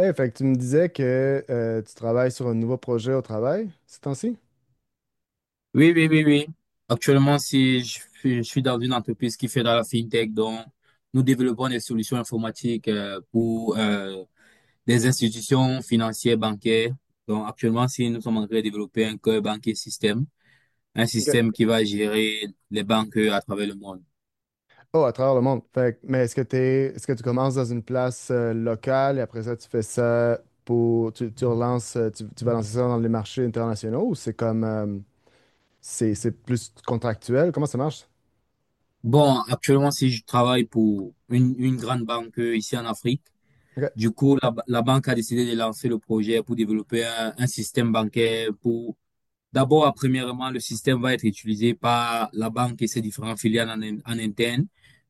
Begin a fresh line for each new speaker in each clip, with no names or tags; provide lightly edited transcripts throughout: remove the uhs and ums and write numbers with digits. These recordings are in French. Hey, fait que tu me disais que tu travailles sur un nouveau projet au travail ces temps-ci?
Oui, oui, oui, oui. Actuellement, si je suis dans une entreprise qui fait dans la fintech, donc nous développons des solutions informatiques pour des institutions financières, bancaires. Donc actuellement, si nous sommes en train de développer un cœur banquier système, un système
Ok.
qui va gérer les banques à travers le monde.
Oh, à travers le monde. Mais est-ce que est-ce que tu commences dans une place locale et après ça, tu fais ça pour, tu relances, tu vas lancer ça dans les marchés internationaux ou c'est comme, c'est plus contractuel? Comment ça marche?
Bon, actuellement, si je travaille pour une grande banque ici en Afrique,
OK.
du coup, la banque a décidé de lancer le projet pour développer un système bancaire pour. D'abord, premièrement, le système va être utilisé par la banque et ses différentes filiales en interne.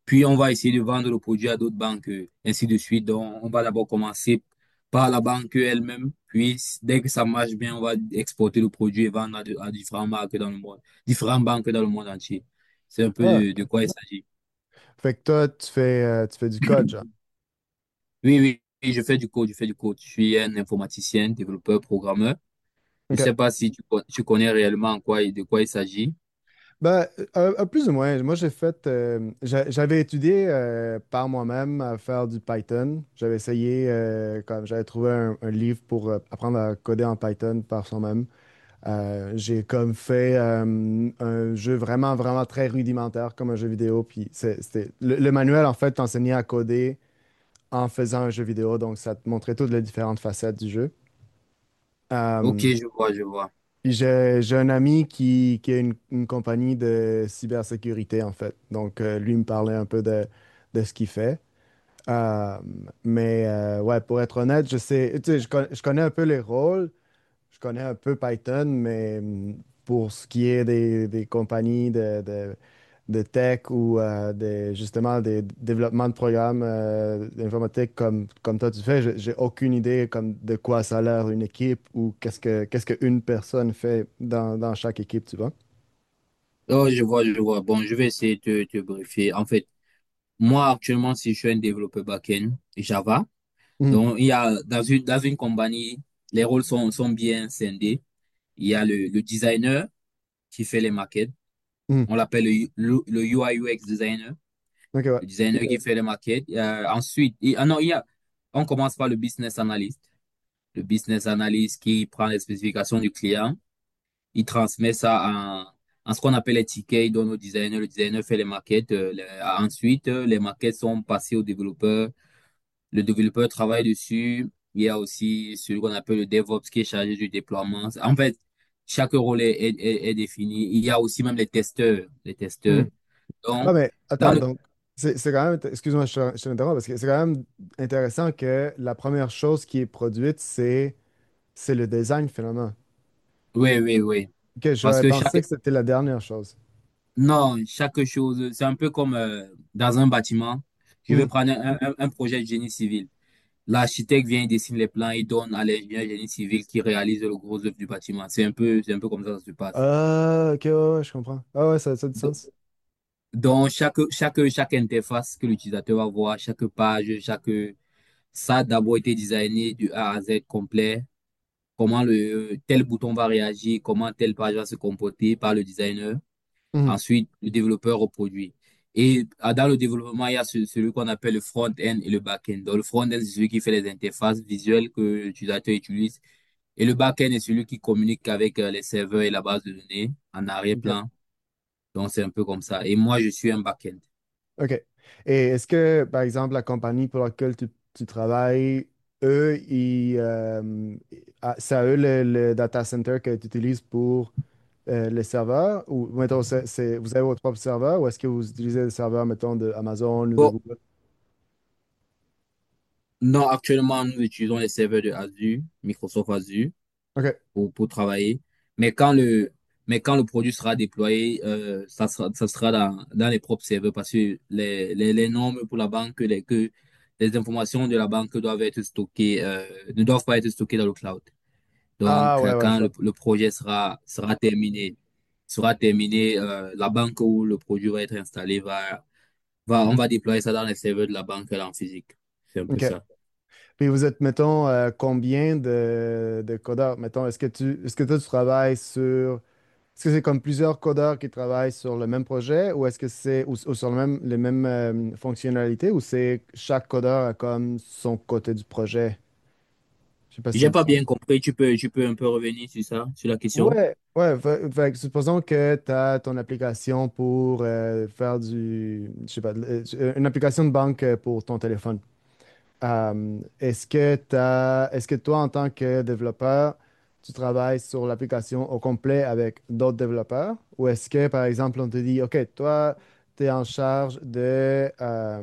Puis, on va essayer de vendre le produit à d'autres banques, ainsi de suite. Donc, on va d'abord commencer par la banque elle-même. Puis, dès que ça marche bien, on va exporter le produit et vendre à différentes marques dans le monde, différentes banques dans le monde entier. C'est un peu
Ah,
de quoi il s'agit.
fait que toi, tu fais du code, genre.
Oui, oui, oui, je fais du code, je fais du code. Je suis un informaticien, développeur, programmeur. Je
OK.
sais pas si tu connais réellement de quoi il s'agit.
Ben, un plus ou moins. Moi, j'ai fait, j'avais étudié par moi-même à faire du Python. J'avais essayé, comme j'avais trouvé un livre pour apprendre à coder en Python par soi-même. J'ai comme fait un jeu vraiment, vraiment très rudimentaire, comme un jeu vidéo. Puis c'était le manuel, en fait, t'enseignait à coder en faisant un jeu vidéo. Donc, ça te montrait toutes les différentes facettes du jeu.
Ok,
Euh,
je vois, je vois.
puis j'ai un ami qui a une compagnie de cybersécurité, en fait. Donc, lui me parlait un peu de ce qu'il fait. Euh, mais ouais, pour être honnête, je sais, tu sais, je connais un peu les rôles, je connais un peu Python, mais pour ce qui est des compagnies de tech ou des, justement des développements de programmes d'informatique comme, comme toi tu fais, j'ai aucune idée comme de quoi ça a l'air une équipe ou qu'est-ce qu'une personne fait dans, dans chaque équipe, tu vois.
Oh, je vois, je vois. Bon, je vais essayer de te briefer. En fait, moi, actuellement, si je suis un développeur back-end Java,
Hum,
donc il y a dans une compagnie, les rôles sont bien scindés. Il y a le designer qui fait les maquettes.
hum.
On l'appelle le UI UX designer,
Ok, ouais.
le designer qui, ok, fait les maquettes. Ensuite, ah non, il y a, on commence par le business analyst. Le business analyst qui prend les spécifications du client. Il transmet ça en, en ce qu'on appelle les tickets. Il donne au designer. Le designer fait les maquettes. Ensuite, les maquettes sont passées au développeur. Le développeur travaille dessus. Il y a aussi celui qu'on appelle le DevOps qui est chargé du déploiement. En fait, chaque rôle est défini. Il y a aussi même les testeurs. Les testeurs.
Hum. Ah,
Donc,
mais
dans
attends,
le...
donc, c'est quand même, excuse-moi, je te l'interromps, parce que c'est quand même intéressant que la première chose qui est produite, c'est le design finalement.
Oui, oui, oui.
Ok,
Parce
j'aurais
que chaque...
pensé que c'était la dernière chose.
Non, chaque chose, c'est un peu comme dans un bâtiment. Je vais
Hmm.
prendre un projet de génie civil. L'architecte vient, il dessine les plans, il donne à l'ingénieur génie civil qui réalise le gros œuvre du bâtiment. C'est un peu comme ça que ça se passe.
Ah, ok, ouais, ouais, je comprends. Ah ouais, ça a du
Do-
sens.
Donc, chaque interface que l'utilisateur va voir, chaque page, ça a d'abord été designé du A à Z complet. Comment le, tel bouton va réagir, comment telle page va se comporter par le designer.
Mhm.
Ensuite, le développeur au produit. Et ah, dans le développement, il y a celui qu'on appelle le front-end et le back-end. Donc, le front-end, c'est celui qui fait les interfaces visuelles que l'utilisateur utilise. Et le back-end est celui qui communique avec les serveurs et la base de données en
Ok.
arrière-plan. Donc, c'est un peu comme ça. Et moi, je suis un back-end.
Ok. Et est-ce que, par exemple, la compagnie pour laquelle tu travailles, eux, ils, ah, c'est à eux le data center que tu utilises pour le serveur? Ou, mettons, vous avez votre propre serveur ou est-ce que vous utilisez le serveur, mettons, de Amazon ou de
Bon,
Google?
non, actuellement, nous utilisons les serveurs de Azure, Microsoft Azure
Ok.
pour travailler. Mais quand le, mais quand le produit sera déployé, ça sera dans les propres serveurs parce que les normes pour la banque, que les informations de la banque doivent être stockées, ne doivent pas être stockées dans le cloud.
Ah,
Donc,
ouais, ouais, je
quand le,
vois.
le projet sera terminé, la banque où le produit va être installé on va déployer ça dans les serveurs de la banque là en physique. C'est un peu
Ok.
ça.
Puis vous êtes, mettons, combien de codeurs? Mettons, est-ce que est-ce que toi, tu travailles sur... Est-ce que c'est comme plusieurs codeurs qui travaillent sur le même projet ou est-ce que c'est ou sur le même, les mêmes fonctionnalités ou c'est chaque codeur a comme son côté du projet? Je sais pas si ça
J'ai
a du
pas
sens.
bien compris. Tu peux un peu revenir sur ça, sur la question?
Ouais, ouais. Fait que supposons que tu as ton application pour faire du... Je sais pas, une application de banque pour ton téléphone. Est-ce que est-ce que toi, en tant que développeur, tu travailles sur l'application au complet avec d'autres développeurs? Ou est-ce que, par exemple, on te dit: OK, toi, tu es en charge de,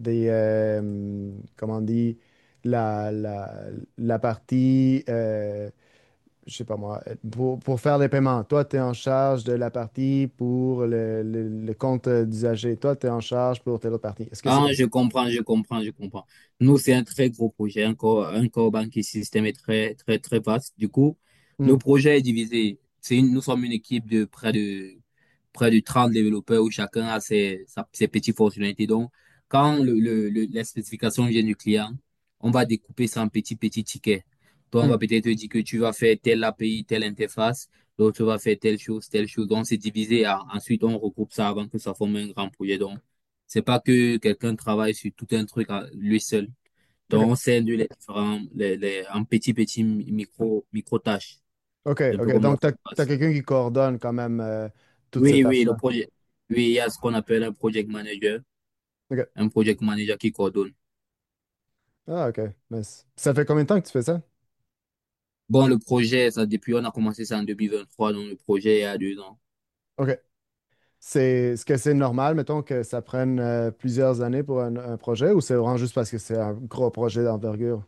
des, comment on dit, la, la, la partie, je sais pas moi, pour faire les paiements. Toi, tu es en charge de la partie pour le compte d'usager. Toi, tu es en charge pour telle autre partie. Est-ce que c'est
Ah,
comme
je
ça?
comprends, je comprends, je comprends. Nous, c'est un très gros projet. Un core banking system est très, très, très vaste. Du coup, le
Hmm,
projet est divisé. Nous sommes une équipe de près de 30 développeurs où chacun a ses petites fonctionnalités. Donc, quand la spécification vient du client, on va découper ça en petits, petits tickets. Donc, on va
hmm,
peut-être dire que tu vas faire telle API, telle interface, l'autre va faire telle chose, telle chose. Donc, c'est divisé. Ah, ensuite, on regroupe ça avant que ça forme un grand projet. Donc, c'est pas que quelqu'un travaille sur tout un truc à lui seul.
OK.
Donc, on scinde les différents, en petits, petits micro, micro tâches.
OK,
C'est un peu
OK.
comme ça
Donc,
que ça se
t'as
passe.
quelqu'un qui coordonne quand même toutes ces
Oui, oui, le
tâches-là.
projet. Oui, il y a ce qu'on appelle un project manager,
OK.
un project manager qui coordonne.
Ah, OK. Ça fait combien de temps que tu fais ça?
Bon, le projet, ça, depuis, on a commencé ça en 2023, donc le projet, il y a 2 ans.
OK. Est-ce que c'est normal, mettons, que ça prenne plusieurs années pour un projet ou c'est vraiment juste parce que c'est un gros projet d'envergure?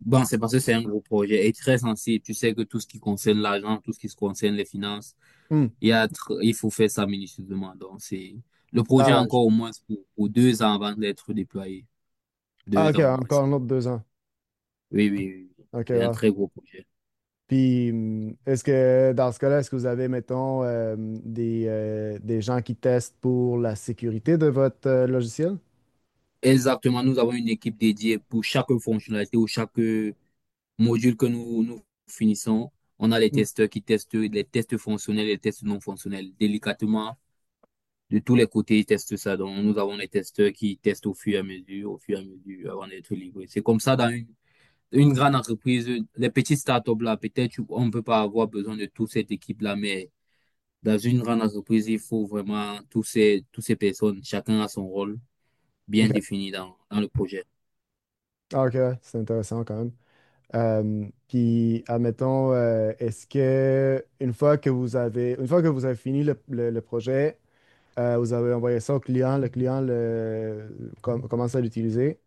Bon, c'est parce que c'est un gros projet et très sensible. Tu sais que tout ce qui concerne l'argent, tout ce qui se concerne les finances,
Hmm.
il y a, tr- il faut faire ça minutieusement. Donc, le projet
Ah
a
ouais.
encore au moins pour 2 ans avant d'être déployé.
Ah,
Deux
OK,
ans au moins.
encore un autre deux ans.
Oui, oui, oui. oui.
OK,
C'est un
wow.
très gros projet.
Puis, est-ce que dans ce cas-là, est-ce que vous avez, mettons, des gens qui testent pour la sécurité de votre logiciel?
Exactement, nous avons une équipe dédiée pour chaque fonctionnalité ou chaque module que nous, nous finissons. On a les
Hmm.
testeurs qui testent les tests fonctionnels et les tests non fonctionnels. Délicatement, de tous les côtés, ils testent ça. Donc, nous avons les testeurs qui testent au fur et à mesure, au fur et à mesure, avant d'être livrés. C'est comme ça dans une grande entreprise. Les petites startups, là, peut-être, on ne peut pas avoir besoin de toute cette équipe-là, mais dans une grande entreprise, il faut vraiment tous ces, toutes ces personnes, chacun a son rôle bien
OK.
défini dans le projet.
Ah, OK, ouais, c'est intéressant quand même. Puis, admettons, est-ce que une fois que vous avez, une fois que vous avez fini le projet, vous avez envoyé ça au client, le client commence à l'utiliser,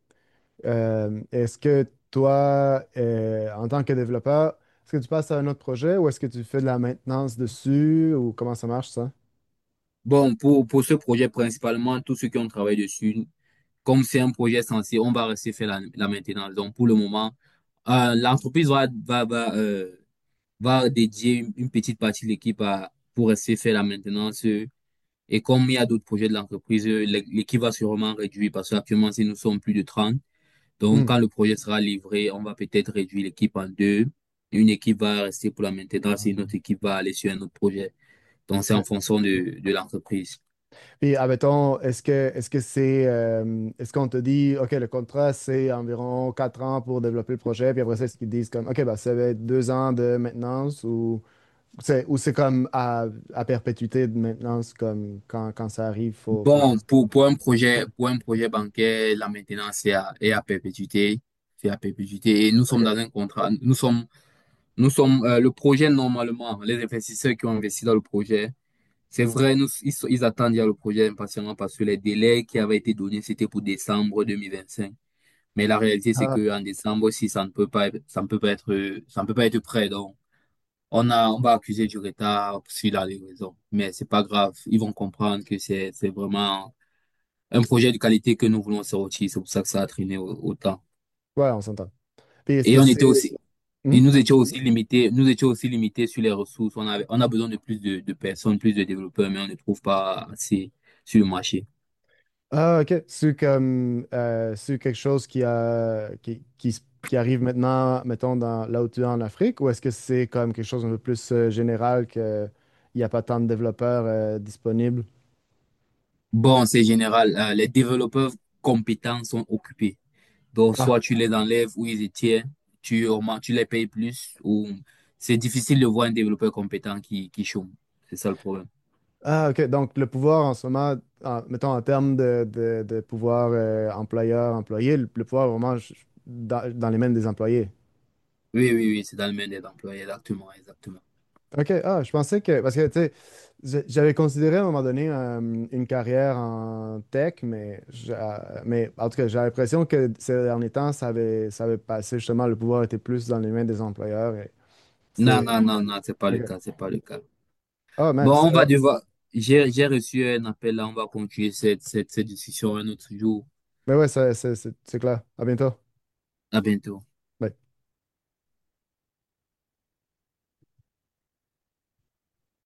est-ce que toi, en tant que développeur, est-ce que tu passes à un autre projet ou est-ce que tu fais de la maintenance dessus ou comment ça marche ça?
Bon, pour ce projet, principalement, tous ceux qui ont travaillé dessus, comme c'est un projet censé, on va rester faire la maintenance. Donc, pour le moment, l'entreprise va dédier une petite partie de l'équipe pour rester faire la maintenance. Et comme il y a d'autres projets de l'entreprise, l'équipe va sûrement réduire parce qu'actuellement, si nous sommes plus de 30. Donc, quand
Hmm.
le projet sera livré, on va peut-être réduire l'équipe en deux. Une équipe va rester pour la maintenance et une
Ah.
autre équipe va aller sur un autre projet. Donc, c'est en
Ok.
fonction de l'entreprise.
Puis, admettons, est-ce que c'est est-ce qu'on te dit OK, le contrat, c'est environ quatre ans pour développer le projet, puis après ça, est-ce qu'ils disent comme OK, bah ça va être deux ans de maintenance ou c'est à perpétuité de maintenance comme quand, quand ça arrive, faut, faut le
Bon,
faire.
pour un projet, pour un projet bancaire, la maintenance est à perpétuité. C'est à perpétuité. Et nous sommes
OK.
dans un contrat. Le projet, normalement, les investisseurs qui ont investi dans le projet, c'est vrai, ils attendent le projet impatiemment parce que les délais qui avaient été donnés, c'était pour décembre 2025. Mais la réalité, c'est
Ah,
qu'en décembre aussi, ça ne peut pas être prêt. Donc, on va accuser du retard sur la livraison. Mais c'est pas grave. Ils vont comprendre que c'est vraiment un projet de qualité que nous voulons sortir. C'est pour ça que ça a traîné autant.
ouais, on s'entend. Puis est-ce
Et
que
on était
c'est.
aussi, et
Mhm.
nous étions aussi limités, sur les ressources. On a besoin de plus de personnes, plus de développeurs, mais on ne trouve pas assez sur le marché.
Ah, ok. C'est comme c'est quelque chose qui arrive maintenant, mettons, dans, là où tu es en Afrique, ou est-ce que c'est comme quelque chose un peu plus général qu'il n'y a pas tant de développeurs disponibles?
Bon, c'est général. Les développeurs compétents sont occupés. Donc,
Ah,
soit tu les enlèves ou ils les tiennent, tu augmentes, tu les payes plus, ou c'est difficile de voir un développeur compétent qui chôme. C'est ça le problème.
Ah, ok. Donc, le pouvoir en ce moment, mettons, en termes de, de pouvoir employeur-employé, le pouvoir est vraiment dans, dans les mains des employés.
Oui, oui, oui, c'est dans le main des employés, exactement, exactement.
OK, ah, je pensais que, parce que, tu sais, j'avais considéré à un moment donné une carrière en tech, mais, mais en tout cas, j'ai l'impression que ces derniers temps, ça avait passé, justement, le pouvoir était plus dans les mains des employeurs. Et
Non,
c'était...
non, non, non, c'est pas
OK.
le cas, c'est pas le cas.
Ah, man,
Bon,
c'est...
on va devoir, j'ai reçu un appel là, on va continuer cette discussion un autre jour.
Mais ouais, c'est clair. À bientôt.
À bientôt.
Bye.